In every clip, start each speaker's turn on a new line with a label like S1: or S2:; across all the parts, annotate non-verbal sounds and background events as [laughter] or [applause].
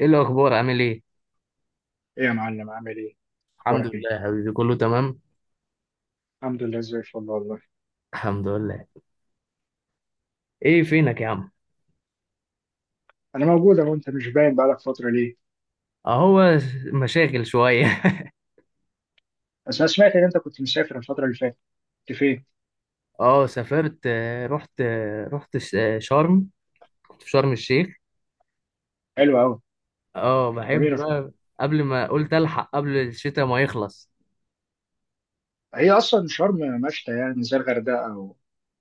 S1: ايه الاخبار، عامل ايه؟
S2: ايه يا معلم عامل ايه؟
S1: الحمد
S2: اخبارك ايه؟
S1: لله يا حبيبي، كله تمام.
S2: الحمد لله زي الفل والله.
S1: الحمد لله. ايه فينك يا عم؟
S2: انا موجود اهو، انت مش باين بقالك فترة ليه؟
S1: اهو. مشاغل شويه.
S2: بس انا سمعت ان انت كنت مسافر الفترة اللي فاتت، كنت فين؟
S1: [laughs] اه، سافرت، رحت شرم. كنت في شرم الشيخ.
S2: حلو قوي.
S1: اه بحب
S2: جميلة شرم.
S1: بقى. قبل ما قلت الحق قبل الشتاء ما يخلص.
S2: هي اصلا شرم مشتى يعني زي الغردقة او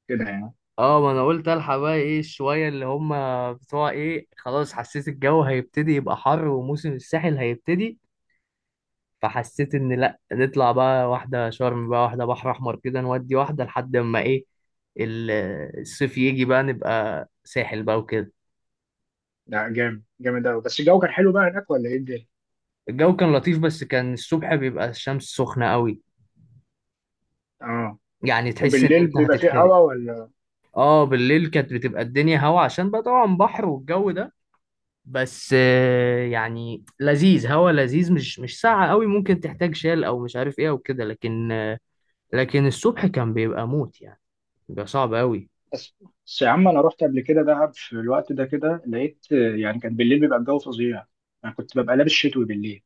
S2: كده يعني.
S1: اه، ما انا قلت الحق بقى، ايه شويه اللي هم بتوع ايه، خلاص حسيت الجو هيبتدي يبقى حر، وموسم الساحل هيبتدي. فحسيت ان لا نطلع بقى واحده شرم، بقى واحده بحر احمر كده، نودي واحده لحد ما ايه ال- الصيف يجي، بقى نبقى ساحل بقى وكده.
S2: لا جامد جامد قوي، بس الجو كان حلو بقى هناك ولا ايه الدنيا؟
S1: الجو كان لطيف، بس كان الصبح بيبقى الشمس سخنه قوي،
S2: اه،
S1: يعني تحس ان
S2: وبالليل
S1: انت
S2: بيبقى فيه
S1: هتتحرق.
S2: هوا ولا
S1: اه، بالليل كانت بتبقى الدنيا هوا، عشان بقى طبعا بحر والجو ده. بس يعني لذيذ، هوا لذيذ، مش ساقعه قوي، ممكن تحتاج شال او مش عارف ايه او كده، لكن الصبح كان بيبقى موت يعني، بيبقى صعب قوي.
S2: بس بس يا عم انا رحت قبل كده دهب في الوقت ده كده لقيت يعني كان بالليل بيبقى الجو فظيع. انا كنت ببقى لابس شتوي بالليل.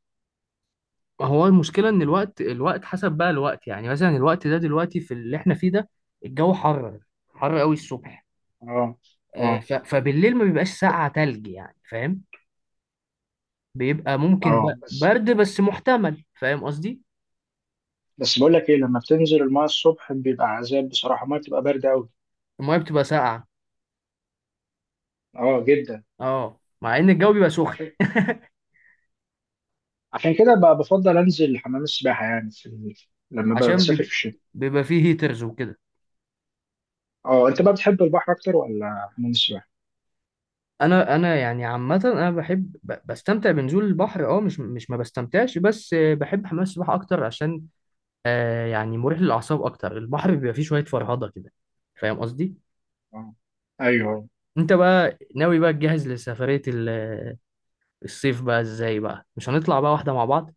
S1: هو المشكلة إن الوقت حسب بقى الوقت، يعني مثلا الوقت ده دلوقتي في اللي إحنا فيه ده الجو حر، حر قوي الصبح.
S2: اه، اه،
S1: فبالليل ما بيبقاش ساقعة تلج، يعني فاهم. بيبقى ممكن
S2: اه.
S1: بقى
S2: بس
S1: برد بس محتمل، فاهم قصدي.
S2: بس بقول لك ايه، لما بتنزل المايه الصبح بيبقى عذاب بصراحه، المايه بتبقى بارده قوي.
S1: المية بتبقى ساقعة،
S2: اه جدا.
S1: اه مع إن الجو بيبقى سخن.
S2: عشان عشان كده بقى بفضل انزل حمام السباحه يعني في ال... لما ببقى
S1: عشان
S2: بسافر
S1: بيبقى,
S2: في الشتاء.
S1: بيبقى فيه هيترز وكده.
S2: اه انت بقى بتحب البحر اكتر ولا حمام السباحه؟
S1: أنا يعني عامة أنا بحب بستمتع بنزول البحر، اه مش ما بستمتعش، بس بحب حمام السباحة أكتر، عشان يعني مريح للأعصاب أكتر، البحر بيبقى فيه شوية فرهضة كده. فاهم قصدي؟
S2: اه. ايوه.
S1: أنت بقى ناوي بقى تجهز لسفرية الصيف بقى إزاي بقى؟ مش هنطلع بقى واحدة مع بعض؟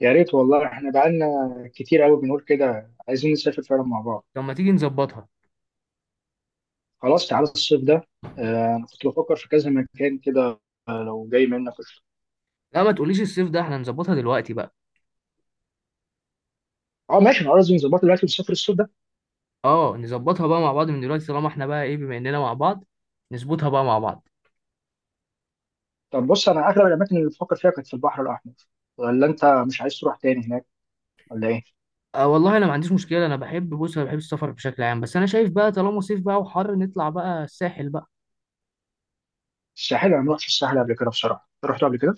S2: يا ريت والله، احنا بقالنا كتير قوي بنقول كده عايزين نسافر فعلا مع بعض.
S1: طب ما تيجي نظبطها.
S2: خلاص تعالى الصيف ده. آه انا كنت بفكر في كذا مكان كده. لو جاي منك قشطة.
S1: لا، ما تقوليش الصيف ده، احنا نظبطها دلوقتي بقى.
S2: اه ماشي، انا قصدي نظبطه دلوقتي ونسافر الصيف ده.
S1: اه، نظبطها بقى مع بعض من دلوقتي طالما احنا بقى ايه بما اننا مع بعض، نظبطها بقى مع بعض.
S2: طب بص، انا اغلب الاماكن اللي بفكر فيها كانت في البحر الاحمر، ولا انت مش عايز تروح تاني هناك ولا ايه؟
S1: آه والله انا ما عنديش مشكلة، انا بحب، بص انا بحب السفر بشكل عام، بس انا شايف بقى طالما صيف بقى وحر، نطلع بقى الساحل بقى.
S2: الساحل انا ما رحتش الساحل قبل كده بصراحه، أنت رحت قبل كده؟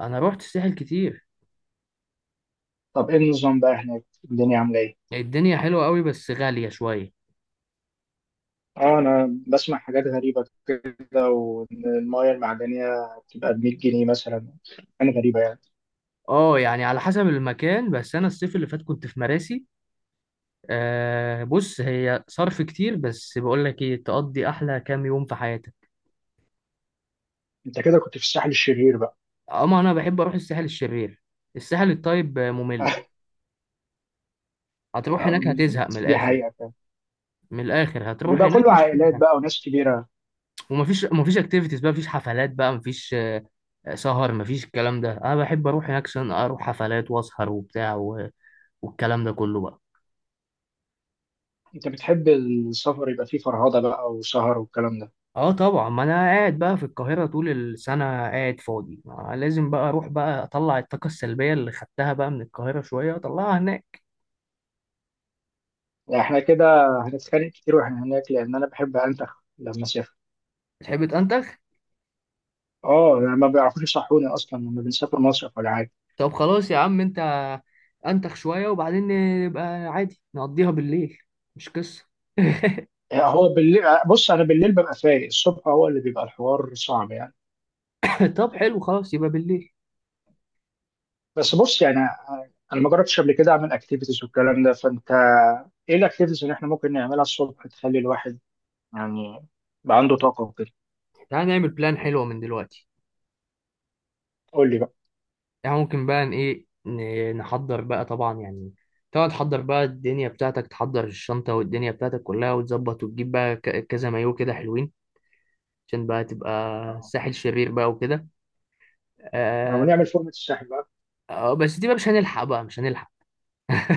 S1: انا روحت الساحل كتير.
S2: طب ايه النظام بقى هناك؟ الدنيا عامله ايه؟
S1: الدنيا حلوة قوي بس غالية شوية.
S2: اه انا بسمع حاجات غريبه كده، وان المايه المعدنيه بتبقى ب 100 جنيه مثلا. انا غريبه يعني.
S1: اه يعني على حسب المكان، بس انا الصيف اللي فات كنت في مراسي. بص هي صرف كتير بس بقول لك ايه، تقضي احلى كام يوم في حياتك.
S2: انت كده كنت في الساحل الشرير بقى.
S1: اما انا بحب اروح الساحل الشرير. الساحل الطيب ممل.
S2: [laughs]
S1: هتروح هناك
S2: أم،
S1: هتزهق من
S2: دي
S1: الاخر.
S2: حقيقه فعلا.
S1: من الاخر هتروح
S2: بيبقى
S1: هناك
S2: كله
S1: مش هتعمل
S2: عائلات
S1: حاجة.
S2: بقى وناس كبيره.
S1: ومفيش اكتيفيتيز بقى، مفيش حفلات بقى، مفيش سهر، مفيش الكلام ده. انا بحب اروح هناك عشان اروح حفلات واسهر وبتاع والكلام ده كله بقى.
S2: انت بتحب السفر يبقى فيه فرهضه بقى وسهر والكلام ده.
S1: اه طبعا، ما انا قاعد بقى في القاهرة طول السنة قاعد فاضي، ما لازم بقى اروح بقى اطلع الطاقة السلبية اللي خدتها بقى من القاهرة شوية اطلعها هناك.
S2: يعني احنا كده هنتخانق كتير واحنا هناك، لان انا بحب انتخ لما اسافر.
S1: تحب تنتخ؟
S2: اه يعني ما بيعرفوش يصحوني اصلا لما بنسافر مصيف ولا حاجه.
S1: طب خلاص يا عم انت، انتخ شوية وبعدين نبقى عادي نقضيها بالليل، مش قصة.
S2: يعني هو بالليل، بص انا بالليل ببقى فايق، الصبح هو اللي بيبقى الحوار صعب يعني.
S1: [laughs] طب حلو خلاص يبقى بالليل.
S2: بس بص يعني، انا ما جربتش قبل كده اعمل اكتيفيتيز والكلام ده، فانت ايه الاكتيفيتيز اللي احنا ممكن نعملها الصبح تخلي الواحد يعني يبقى عنده طاقه وكده؟
S1: تعالى نعمل بلان حلوة من دلوقتي.
S2: قول لي بقى.
S1: يعني ممكن بقى نحضر بقى، طبعا يعني، طبعا تحضر بقى الدنيا بتاعتك، تحضر الشنطة والدنيا بتاعتك كلها وتظبط، وتجيب بقى كذا مايو كده حلوين، عشان بقى تبقى
S2: اه،
S1: ساحل شرير بقى وكده. آه.
S2: ونعمل فورمه الساحل بقى.
S1: بس دي بقى مش هنلحق بقى، مش هنلحق.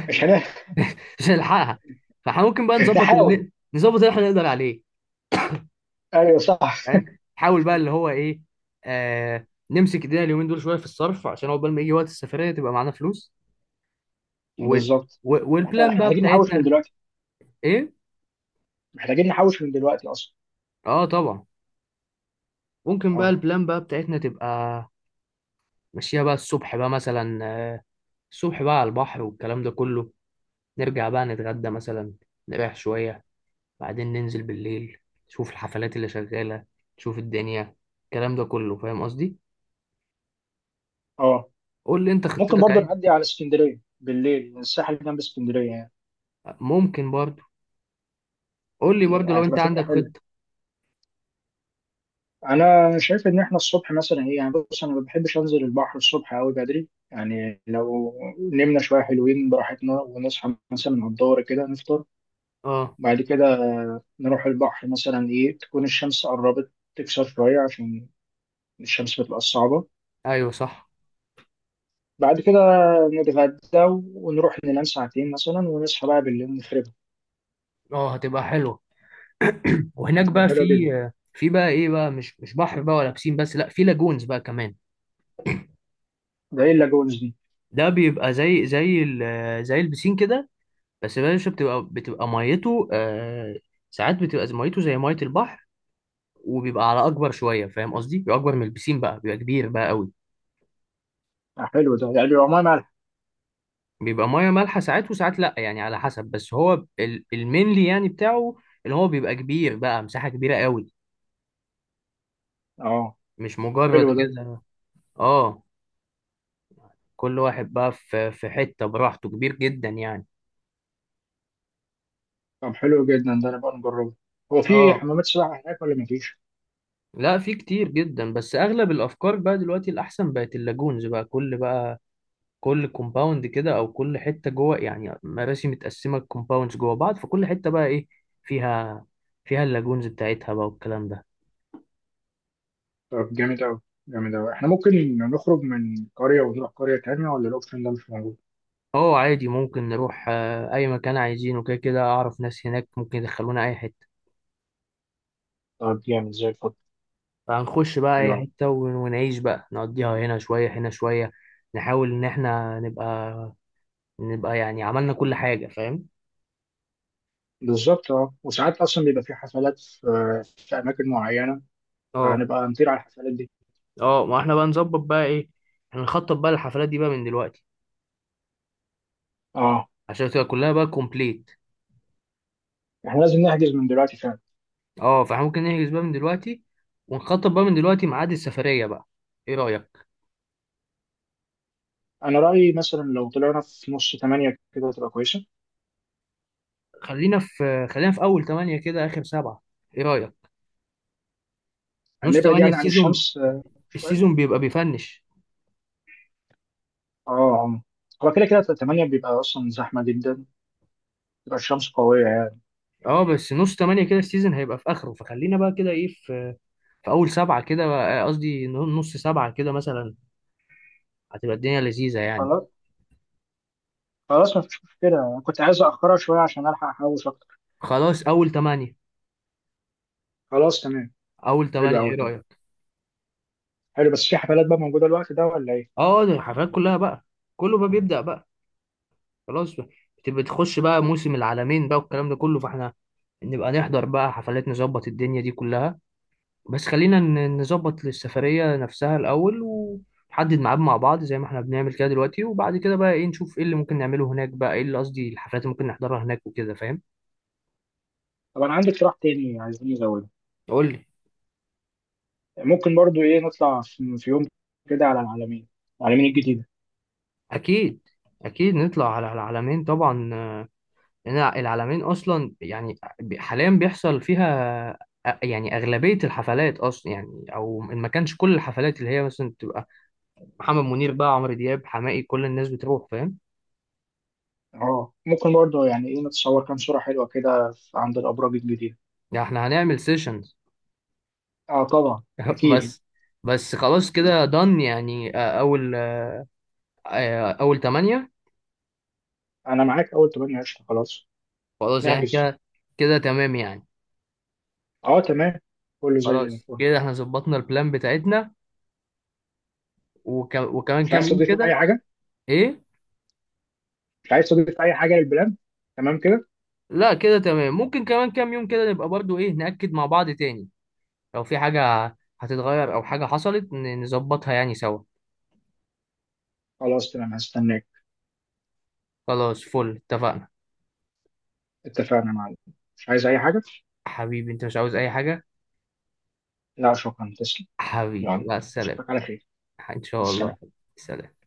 S2: مش هنعمل؟
S1: [laughs] مش هنلحقها. فاحنا ممكن بقى
S2: [laughs]
S1: نظبط اللي
S2: نحاول.
S1: نظبط اللي احنا نقدر عليه.
S2: ايوه صح.
S1: فاهم، نحاول بقى اللي هو ايه. نمسك ايدينا اليومين دول شويه في الصرف، عشان عقبال ما يجي وقت السفريه تبقى معانا فلوس، و...
S2: بالظبط. احنا
S1: والبلان بقى
S2: محتاجين نحوش من
S1: بتاعتنا.
S2: دلوقتي.
S1: ايه؟
S2: محتاجين نحوش من دلوقتي اصلا.
S1: اه طبعا، ممكن بقى
S2: اه.
S1: البلان بقى بتاعتنا تبقى ماشيه بقى الصبح بقى مثلا، الصبح بقى على البحر والكلام ده كله، نرجع بقى نتغدى مثلا، نريح شويه، بعدين ننزل بالليل، نشوف الحفلات اللي شغالة، نشوف الدنيا، الكلام ده كله فاهم قصدي.
S2: اه
S1: قول لي انت
S2: ممكن
S1: خطتك
S2: برضه
S1: عايز.
S2: نعدي على اسكندريه بالليل، الساحل جنب اسكندريه يعني.
S1: ممكن برضو. قول لي برضو لو
S2: هتبقى
S1: انت
S2: فكره
S1: عندك
S2: حلوه.
S1: خطة.
S2: انا شايف ان احنا الصبح مثلا ايه يعني، بص انا ما بحبش انزل البحر الصبح قوي بدري يعني، لو نمنا شويه حلوين براحتنا ونصحى مثلا على الظهر كده نفطر،
S1: اه
S2: بعد كده نروح البحر مثلا ايه تكون الشمس قربت تكسر شويه، عشان الشمس بتبقى صعبه.
S1: ايوه صح.
S2: بعد كده نتغدى، ونروح ننام ساعتين مثلا ونصحى بقى بالليل نخرب.
S1: اه هتبقى حلوة. وهناك
S2: هتبقى
S1: بقى في
S2: حلوة جدا.
S1: في بقى ايه بقى، مش بحر بقى ولا بسين، بس لا في لاجونز بقى كمان.
S2: ده ايه اللاجونز دي؟
S1: ده بيبقى زي البسين كده، بس يا باشا بتبقى ميته. ساعات بتبقى ميته زي ميه البحر، وبيبقى على اكبر شويه، فاهم قصدي، بيبقى اكبر من البسين بقى، بيبقى كبير بقى قوي.
S2: حلو ده، يعني بيبقى ميه مالحة؟
S1: بيبقى ميه مالحه ساعات، وساعات لا، يعني على حسب. بس هو المينلي يعني بتاعه، اللي هو بيبقى كبير بقى مساحه كبيره قوي،
S2: اه.
S1: مش مجرد
S2: حلو ده.
S1: كده. اه كل واحد بقى في حته براحته، كبير جدا يعني.
S2: طب حلو جدا ده، نبقى نجربه. هو في
S1: اه
S2: حمامات سباحة هناك ولا مفيش؟
S1: لا في كتير جدا، بس اغلب الافكار بقى دلوقتي الاحسن بقت اللاجونز بقى، كل كومباوند كده او كل حته جوه، يعني مراسي متقسمه كومباوندز جوه بعض، فكل حته بقى ايه فيها فيها اللاجونز بتاعتها بقى والكلام ده.
S2: طب جامد أوي. جامد أوي. احنا ممكن نخرج من قرية ونروح قرية تانية، ولا الأوبشن ده مش موجود؟
S1: اه عادي، ممكن نروح اي مكان عايزينه كده، كده اعرف ناس هناك ممكن يدخلونا اي حته.
S2: طب جامد زي الفل.
S1: فهنخش بقى
S2: حلو
S1: اي
S2: أوي.
S1: حته ونعيش بقى، نقضيها هنا شويه هنا شويه، نحاول ان احنا نبقى يعني عملنا كل حاجه، فاهم.
S2: بالظبط. اه وساعات أصلا بيبقى في حفلات في أماكن معينة،
S1: اه
S2: فهنبقى نطير على الحفلات دي.
S1: اه، ما احنا بقى نظبط بقى ايه، احنا نخطط بقى الحفلات دي بقى من دلوقتي
S2: اه.
S1: عشان تبقى كلها بقى كومبليت.
S2: احنا لازم نحجز من دلوقتي فعلا.
S1: اه فاحنا ممكن نحجز بقى من دلوقتي، ونخطط بقى من دلوقتي ميعاد السفريه بقى. ايه رايك؟
S2: أنا رأيي مثلا لو طلعنا في نص تمانية كده تبقى كويسة.
S1: خلينا في اول 8 كده اخر 7. ايه رايك، نص
S2: نبعد
S1: 8
S2: يعني
S1: في
S2: عن
S1: سيزون؟
S2: الشمس، شوية.
S1: السيزون بيبقى بيفنش.
S2: اه اه. هو كده كده تمانية بيبقى أصلا زحمة جدا، بتبقى الشمس قوية يعني.
S1: اه بس نص تمانية كده السيزون هيبقى في اخره، فخلينا بقى كده ايه في اول سبعة كده، قصدي نص سبعة كده مثلا، هتبقى الدنيا لذيذة يعني.
S2: خلاص. خلاص مفيش مشكلة، أنا كنت عايز أأخرها شوية عشان ألحق أحوش أكتر.
S1: خلاص اول تمانية.
S2: خلاص تمام.
S1: اول
S2: حلو
S1: تمانية ايه
S2: أوي تمام.
S1: رأيك؟
S2: حلو، بس في حفلات بقى موجودة الوقت ده ولا إيه؟
S1: اه ده الحفلات كلها بقى، كله بقى بيبدأ بقى، خلاص بقى، بتبقى تخش بقى موسم العالمين بقى والكلام ده كله، فاحنا نبقى نحضر بقى حفلات، نظبط الدنيا دي كلها. بس خلينا نظبط للسفرية نفسها الأول، ونحدد ميعاد مع بعض زي ما احنا بنعمل كده دلوقتي، وبعد كده بقى ايه نشوف ايه اللي ممكن نعمله هناك، بقى ايه اللي قصدي الحفلات اللي ممكن نحضرها هناك وكده فاهم.
S2: طب أنا عندي اقتراح تاني، عايزين نزوده.
S1: قول لي.
S2: ممكن برضو إيه نطلع في يوم كده على العلمين، العلمين الجديدة.
S1: أكيد، أكيد نطلع على العلمين طبعا. لأن العلمين أصلا يعني حاليا بيحصل فيها يعني أغلبية الحفلات، أصلا يعني أو إن ما كانش كل الحفلات اللي هي مثلا تبقى محمد منير بقى، عمرو دياب، حماقي، كل الناس بتروح فاهم.
S2: اه ممكن برضو يعني إيه نتصور كام صورة حلوة كده عند الأبراج الجديدة.
S1: يعني احنا هنعمل سيشن.
S2: اه طبعا.
S1: [laughs]
S2: أكيد.
S1: بس بس خلاص كده دن يعني، اول تمانية.
S2: أنا معاك أول تمانية قشطة خلاص.
S1: خلاص يعني
S2: نحجز.
S1: كده، كده تمام يعني.
S2: اه تمام. كله زي
S1: خلاص
S2: الفل.
S1: كده احنا ظبطنا البلان بتاعتنا، وكمان
S2: مش
S1: كام
S2: عايز
S1: يوم
S2: تضيف اي
S1: كده.
S2: حاجه؟
S1: ايه؟
S2: مش عايز تضيف اي حاجه للبلان؟ تمام كده.
S1: لا كده تمام، ممكن كمان كام يوم كده نبقى برضو ايه نأكد مع بعض تاني لو في حاجة هتتغير او حاجة حصلت نظبطها يعني سوا.
S2: خلاص تمام، هستناك.
S1: خلاص فل اتفقنا.
S2: اتفقنا يا معلم. مش عايز اي حاجه؟
S1: حبيبي انت مش عاوز اي حاجة.
S2: لا شكرا تسلم.
S1: حبيبي
S2: يلا
S1: مع السلامة.
S2: اشوفك على خير.
S1: ان
S2: مع
S1: شاء الله.
S2: السلامه.
S1: سلام.